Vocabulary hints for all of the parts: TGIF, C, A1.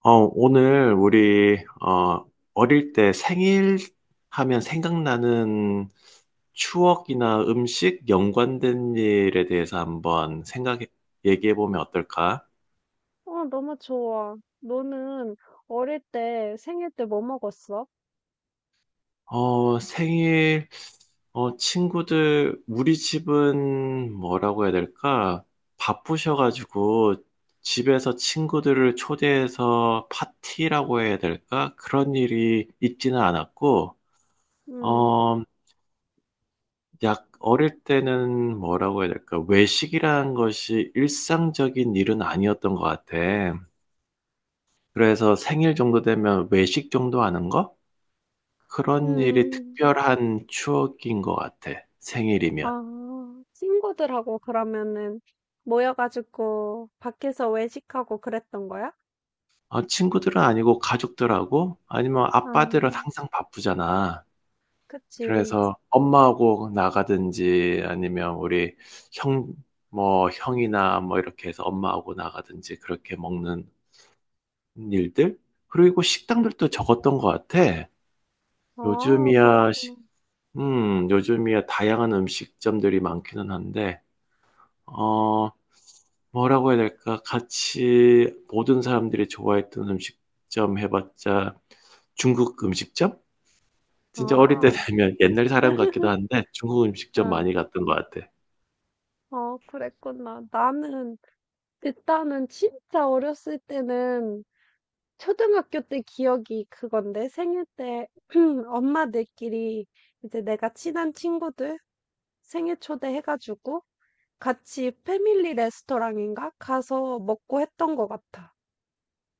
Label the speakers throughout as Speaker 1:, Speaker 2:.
Speaker 1: 오늘 우리 어릴 때 생일 하면 생각나는 추억이나 음식 연관된 일에 대해서 한번 생각해 얘기해 보면 어떨까?
Speaker 2: 너무 좋아. 너는 어릴 때 생일 때 뭐 먹었어?
Speaker 1: 생일 친구들 우리 집은 뭐라고 해야 될까? 바쁘셔가지고 집에서 친구들을 초대해서 파티라고 해야 될까? 그런 일이 있지는 않았고
Speaker 2: 음.
Speaker 1: 어, 약 어릴 때는 뭐라고 해야 될까? 외식이라는 것이 일상적인 일은 아니었던 것 같아. 그래서 생일 정도 되면 외식 정도 하는 거? 그런 일이
Speaker 2: 음.
Speaker 1: 특별한 추억인 것 같아. 생일이면.
Speaker 2: 아, 친구들하고 그러면은 모여가지고 밖에서 외식하고 그랬던 거야?
Speaker 1: 친구들은 아니고 가족들하고 아니면
Speaker 2: 아,
Speaker 1: 아빠들은 항상 바쁘잖아.
Speaker 2: 그치.
Speaker 1: 그래서 엄마하고 나가든지 아니면 우리 형, 뭐 형이나 뭐 이렇게 해서 엄마하고 나가든지 그렇게 먹는 일들 그리고 식당들도 적었던 것 같아.
Speaker 2: 아,
Speaker 1: 요즘이야
Speaker 2: 그렇구나.
Speaker 1: 식- 요즘이야 다양한 음식점들이 많기는 한데 어 뭐라고 해야 될까? 같이 모든 사람들이 좋아했던 음식점 해봤자 중국 음식점? 진짜 어릴 때
Speaker 2: 아.
Speaker 1: 되면 옛날 사람 같기도 한데 중국 음식점
Speaker 2: 아.
Speaker 1: 많이 갔던 것 같아.
Speaker 2: 그랬구나. 나는 일단은 진짜 어렸을 때는 초등학교 때 기억이 그건데 생일 때 엄마들끼리 이제 내가 친한 친구들 생일 초대해 가지고 같이 패밀리 레스토랑인가 가서 먹고 했던 것 같아.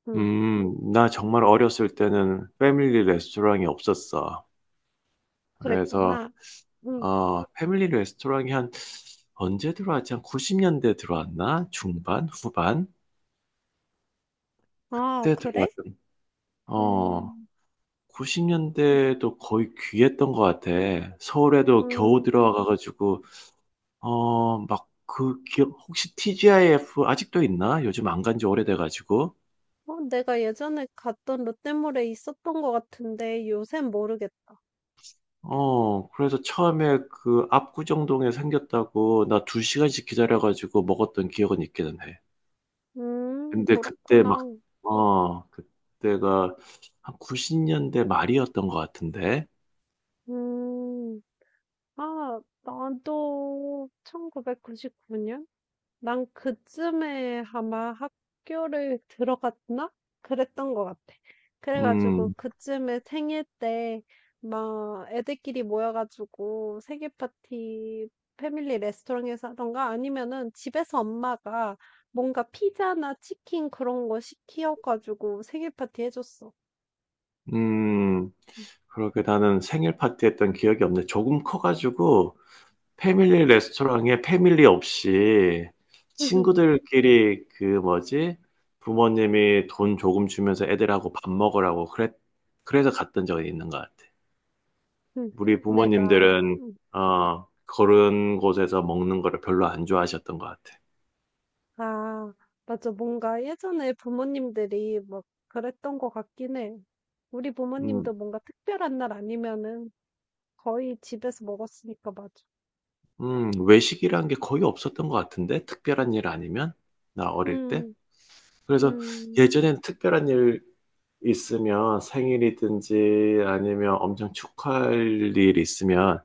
Speaker 2: 응.
Speaker 1: 나 정말 어렸을 때는 패밀리 레스토랑이 없었어. 그래서
Speaker 2: 그랬구나. 응.
Speaker 1: 패밀리 레스토랑이 한 언제 들어왔지? 한 90년대 들어왔나? 중반? 후반?
Speaker 2: 아,
Speaker 1: 때
Speaker 2: 그래?
Speaker 1: 어,
Speaker 2: 음.
Speaker 1: 90년대도 거의 귀했던 것 같아. 서울에도 겨우
Speaker 2: 음.
Speaker 1: 들어와가지고, 막 그기 혹시 TGIF 아직도 있나? 요즘 안 간지 오래돼가지고.
Speaker 2: 내가 예전에 갔던 롯데몰에 있었던 것 같은데 요샌 모르겠다.
Speaker 1: 그래서 처음에 그 압구정동에 생겼다고 나 2시간씩 기다려가지고 먹었던 기억은 있기는 해. 근데
Speaker 2: 그렇구나.
Speaker 1: 그때가 한 90년대 말이었던 것 같은데.
Speaker 2: 음. 아, 나도 1999년? 난 그쯤에 아마 학교를 들어갔나? 그랬던 것 같아. 그래가지고
Speaker 1: 음,
Speaker 2: 그쯤에 생일 때 막 애들끼리 모여가지고 생일 파티 패밀리 레스토랑에서 하던가 아니면은 집에서 엄마가 뭔가 피자나 치킨 그런 거 시켜가지고 생일 파티 해줬어.
Speaker 1: 음, 그렇게 나는 생일 파티 했던 기억이 없네. 조금 커가지고, 패밀리 레스토랑에 패밀리 없이 친구들끼리 뭐지? 부모님이 돈 조금 주면서 애들하고 밥 먹으라고 그래서 갔던 적이 있는 것 같아. 우리
Speaker 2: 내가.
Speaker 1: 부모님들은,
Speaker 2: 음.
Speaker 1: 그런 곳에서 먹는 거를 별로 안 좋아하셨던 것 같아.
Speaker 2: 아, 맞아. 뭔가 예전에 부모님들이 막 그랬던 것 같긴 해. 우리 부모님도
Speaker 1: 음,
Speaker 2: 뭔가 특별한 날 아니면은 거의 집에서 먹었으니까 맞아.
Speaker 1: 외식이란 게 거의 없었던 것 같은데? 특별한 일 아니면? 나 어릴 때?
Speaker 2: 음.
Speaker 1: 그래서
Speaker 2: 음.
Speaker 1: 예전엔 특별한 일 있으면 생일이든지 아니면 엄청 축하할 일 있으면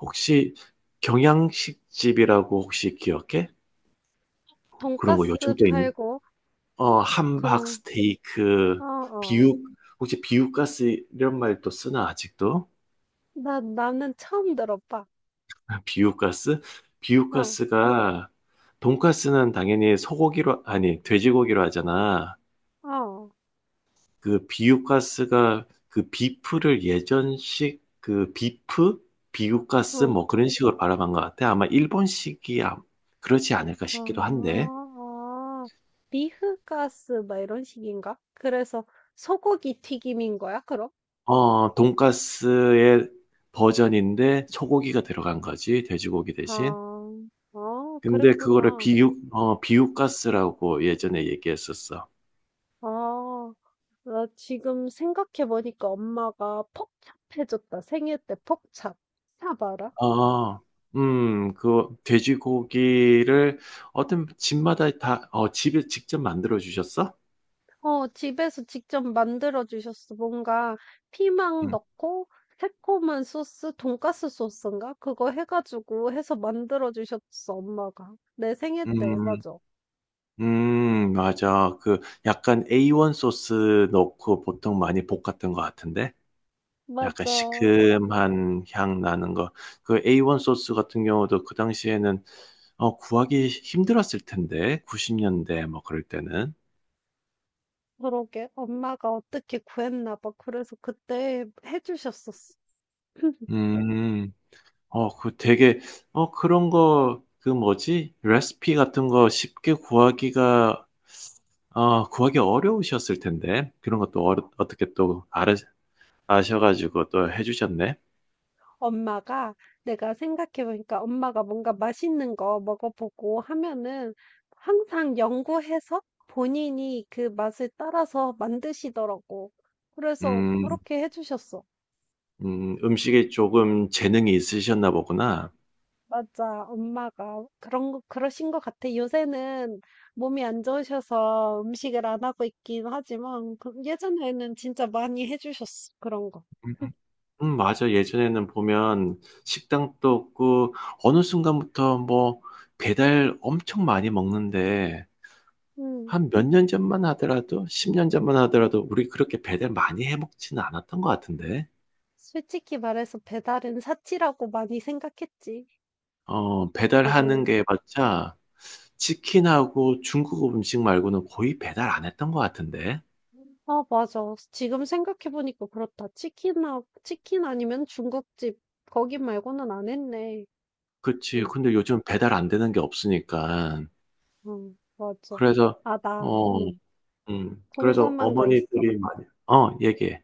Speaker 1: 혹시 경양식집이라고 혹시 기억해? 그런 거
Speaker 2: 돈가스
Speaker 1: 요즘도 있는
Speaker 2: 팔고
Speaker 1: 함박
Speaker 2: 그런,
Speaker 1: 스테이크
Speaker 2: 어.
Speaker 1: 비육 혹시 비육가스 이런 말도 쓰나 아직도?
Speaker 2: 나는 처음 들어봐.
Speaker 1: 비육가스?
Speaker 2: 어,
Speaker 1: 비육가스가 돈가스는 당연히 소고기로 아니 돼지고기로 하잖아.
Speaker 2: 어,
Speaker 1: 그 비유가스가 그 비프를 예전식 그 비프 비유가스
Speaker 2: 어,
Speaker 1: 뭐 그런 식으로 바라본 것 같아. 아마 일본식이 그렇지 않을까
Speaker 2: 어,
Speaker 1: 싶기도 한데.
Speaker 2: 어. 리흐가스, 막 이런 식인가? 그래서 소고기 튀김인 거야, 그럼?
Speaker 1: 돈가스의 버전인데 소고기가 들어간 거지, 돼지고기 대신.
Speaker 2: 아.
Speaker 1: 근데 그거를
Speaker 2: 그랬구나.
Speaker 1: 비유가스라고 예전에 얘기했었어.
Speaker 2: 아, 나 지금 생각해 보니까 엄마가 퍽찹 해줬다. 생일 때 퍽찹. 찹 알아?
Speaker 1: 어, 그 돼지고기를 어떤 집마다 집에 직접 만들어 주셨어?
Speaker 2: 어, 집에서 직접 만들어 주셨어. 뭔가 피망
Speaker 1: 음,
Speaker 2: 넣고 새콤한 소스, 돈가스 소스인가? 그거 해가지고 해서 만들어 주셨어, 엄마가. 내 생일 때,
Speaker 1: 음,
Speaker 2: 맞아.
Speaker 1: 맞아. 그 약간 A1 소스 넣고 보통 많이 볶았던 것 같은데? 약간
Speaker 2: 맞아.
Speaker 1: 시큼한 향 나는 거. 그 A1 소스 같은 경우도 그 당시에는 구하기 힘들었을 텐데. 90년대 뭐 그럴 때는.
Speaker 2: 그러게. 엄마가 어떻게 구했나 봐. 그래서 그때 해주셨었어.
Speaker 1: 음, 그 되게, 그런 거, 그 뭐지? 레시피 같은 거 쉽게 구하기 어려우셨을 텐데. 그런 것도 어떻게 또 아셔가지고 또 해주셨네.
Speaker 2: 엄마가 내가 생각해보니까 엄마가 뭔가 맛있는 거 먹어보고 하면은 항상 연구해서 본인이 그 맛을 따라서 만드시더라고. 그래서
Speaker 1: 음,
Speaker 2: 그렇게 해주셨어.
Speaker 1: 음식에 조금 재능이 있으셨나 보구나.
Speaker 2: 맞아, 엄마가 그런 거, 그러신 것 같아. 요새는 몸이 안 좋으셔서 음식을 안 하고 있긴 하지만 예전에는 진짜 많이 해주셨어. 그런 거.
Speaker 1: 음, 맞아. 예전에는 보면 식당도 없고 어느 순간부터 뭐 배달 엄청 많이 먹는데
Speaker 2: 음.
Speaker 1: 한 몇 년 전만 하더라도 10년 전만 하더라도 우리 그렇게 배달 많이 해 먹지는 않았던 것 같은데.
Speaker 2: 솔직히 말해서 배달은 사치라고 많이 생각했지,
Speaker 1: 배달하는
Speaker 2: 예전에는.
Speaker 1: 게 맞자 치킨하고 중국 음식 말고는 거의 배달 안 했던 것 같은데.
Speaker 2: 아, 맞아. 지금 생각해보니까 그렇다. 치킨 아니면 중국집, 거기 말고는 안 했네.
Speaker 1: 그치.
Speaker 2: 응.
Speaker 1: 근데 요즘 배달 안 되는 게 없으니까.
Speaker 2: 응, 맞아.
Speaker 1: 그래서, 어,
Speaker 2: 응,
Speaker 1: 그래서
Speaker 2: 궁금한 거 있어.
Speaker 1: 어머니들이 많이 얘기해.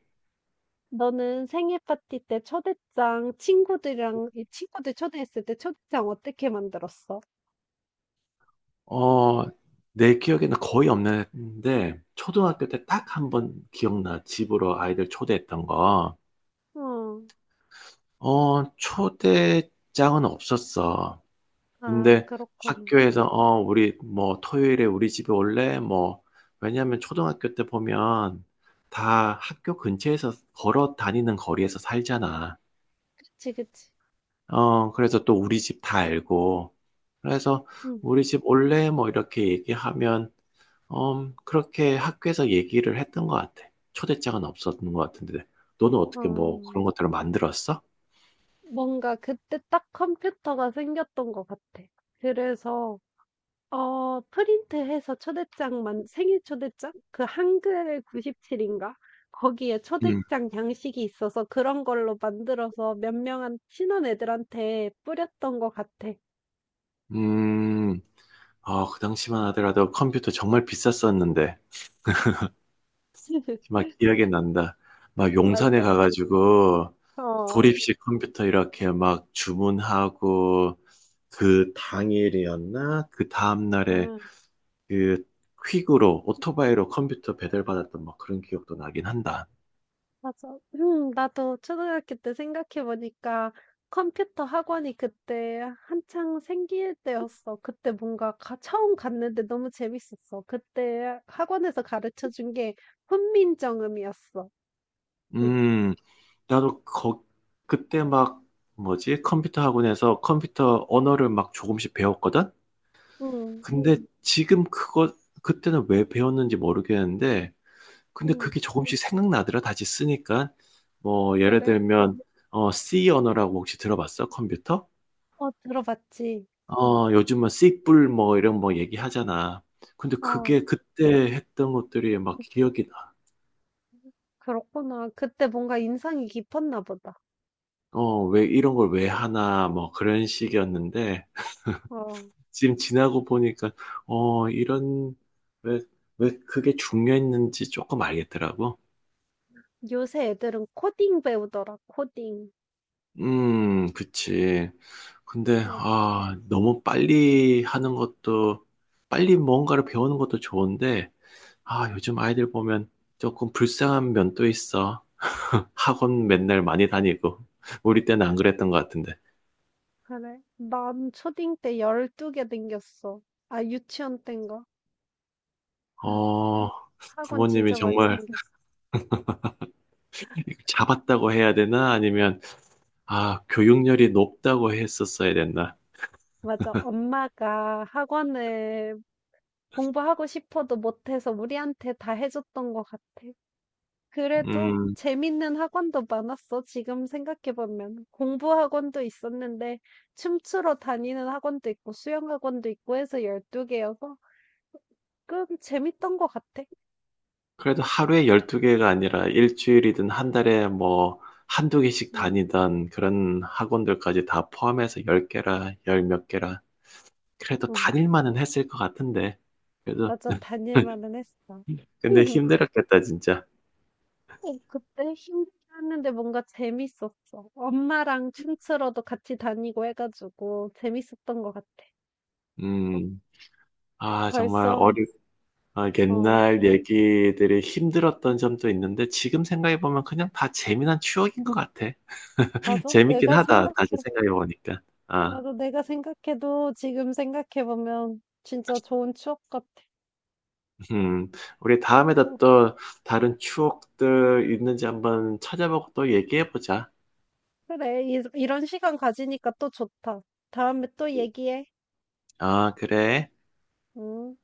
Speaker 2: 너는 생일 파티 때 초대장, 이 친구들 초대했을 때 초대장 어떻게 만들었어?
Speaker 1: 어, 내 기억에는 거의 없는데, 초등학교 때 딱 한 번 기억나. 집으로 아이들 초대했던 거.
Speaker 2: 어.
Speaker 1: 초대장은 없었어.
Speaker 2: 아,
Speaker 1: 근데
Speaker 2: 그렇구나.
Speaker 1: 학교에서, 우리 뭐 토요일에 우리 집에 올래? 뭐, 왜냐면 초등학교 때 보면 다 학교 근처에서 걸어 다니는 거리에서 살잖아.
Speaker 2: 그치, 그치.
Speaker 1: 그래서 또 우리 집 다 알고, 그래서
Speaker 2: 응.
Speaker 1: 우리 집 올래? 뭐 이렇게 얘기하면, 그렇게 학교에서 얘기를 했던 것 같아. 초대장은 없었던 것 같은데. 너는 어떻게 뭐 그런
Speaker 2: 어,
Speaker 1: 것들을 만들었어?
Speaker 2: 뭔가 그때 딱 컴퓨터가 생겼던 것 같아. 그래서, 어 프린트해서 초대장만 생일 초대장? 그 한글 97 인가? 거기에
Speaker 1: 음,
Speaker 2: 초대장 양식이 있어서 그런 걸로 만들어서 몇 명한 친한 애들한테 뿌렸던 것 같아.
Speaker 1: 음, 그 당시만 하더라도 컴퓨터 정말 비쌌었는데, 막 기억이 난다. 막 용산에
Speaker 2: 맞아.
Speaker 1: 가가지고
Speaker 2: 어.
Speaker 1: 조립식 컴퓨터 이렇게 막 주문하고, 그 당일이었나? 그 다음날에
Speaker 2: 음.
Speaker 1: 그 퀵으로 오토바이로 컴퓨터 배달 받았던 막 그런 기억도 나긴 한다.
Speaker 2: 맞아. 음, 나도 초등학교 때 생각해 보니까 컴퓨터 학원이 그때 한창 생길 때였어. 그때 처음 갔는데 너무 재밌었어. 그때 학원에서 가르쳐 준 게 훈민정음이었어. 응.
Speaker 1: 음, 나도 그때 막 뭐지? 컴퓨터 학원에서 컴퓨터 언어를 막 조금씩 배웠거든?
Speaker 2: 응.
Speaker 1: 근데 지금 그때는 왜 배웠는지 모르겠는데, 근데
Speaker 2: 응.
Speaker 1: 그게 조금씩 생각나더라. 다시 쓰니까. 뭐, 예를
Speaker 2: 그래?
Speaker 1: 들면, C 언어라고 혹시 들어봤어? 컴퓨터?
Speaker 2: 어, 들어봤지.
Speaker 1: 요즘은 C뿔 뭐 이런 뭐 얘기하잖아. 근데
Speaker 2: 어,
Speaker 1: 그게 그때 했던 것들이 막 기억이 나.
Speaker 2: 그렇구나. 그때 뭔가 인상이 깊었나 보다.
Speaker 1: 왜 이런 걸 왜 하나, 뭐 그런 식이었는데,
Speaker 2: 어,
Speaker 1: 지금 지나고 보니까, 어, 이런, 왜, 왜 그게 중요했는지 조금 알겠더라고.
Speaker 2: 요새 애들은 코딩 배우더라, 코딩.
Speaker 1: 그치. 근데, 너무 빨리 하는 것도, 빨리 뭔가를 배우는 것도 좋은데, 요즘 아이들 보면 조금 불쌍한 면도 있어. 학원 맨날 많이 다니고, 우리 때는 안 그랬던 것 같은데.
Speaker 2: 그래? 난 초딩 때 12개 댕겼어. 아, 유치원 땐가? 아,
Speaker 1: 어,
Speaker 2: 학원
Speaker 1: 부모님이
Speaker 2: 진짜 많이
Speaker 1: 정말,
Speaker 2: 댕겼어.
Speaker 1: 잡았다고 해야 되나? 아니면, 교육열이 높다고 했었어야 됐나?
Speaker 2: 맞아. 엄마가 학원을 공부하고 싶어도 못해서 우리한테 다 해줬던 것 같아. 그래도
Speaker 1: 음,
Speaker 2: 재밌는 학원도 많았어. 지금 생각해보면. 공부 학원도 있었는데, 춤추러 다니는 학원도 있고, 수영 학원도 있고 해서 12개여서, 꽤 재밌던 것 같아.
Speaker 1: 그래도 하루에 12개가 아니라 일주일이든 한 달에 뭐, 한두 개씩
Speaker 2: 응.
Speaker 1: 다니던 그런 학원들까지 다 포함해서 10개라, 열 몇 개라. 그래도
Speaker 2: 응.
Speaker 1: 다닐 만은 했을 것 같은데. 그래도,
Speaker 2: 맞아. 다닐 만은 했어.
Speaker 1: 근데 힘들었겠다, 진짜.
Speaker 2: 어 그때 힘들긴 했는데 뭔가 재밌었어. 엄마랑 춤추러도 같이 다니고 해 가지고 재밌었던 것 같아. 어.
Speaker 1: 음, 정말
Speaker 2: 벌써. 어
Speaker 1: 옛날 얘기들이 힘들었던 점도 있는데, 지금 생각해보면 그냥 다 재미난 추억인 것 같아.
Speaker 2: 맞아.
Speaker 1: 재밌긴
Speaker 2: 내가
Speaker 1: 하다.
Speaker 2: 생각해
Speaker 1: 다시 생각해 보니까. 아,
Speaker 2: 맞아. 내가 생각해도 지금 생각해 보면 진짜 좋은 추억 같아.
Speaker 1: 음. 우리 다에다
Speaker 2: 어,
Speaker 1: 또 다른 추억들 있는지 한번 찾아보고 또 얘기해 보자.
Speaker 2: 그래. 이런 시간 가지니까 또 좋다. 다음에 또 얘기해.
Speaker 1: 아, 그래.
Speaker 2: 응.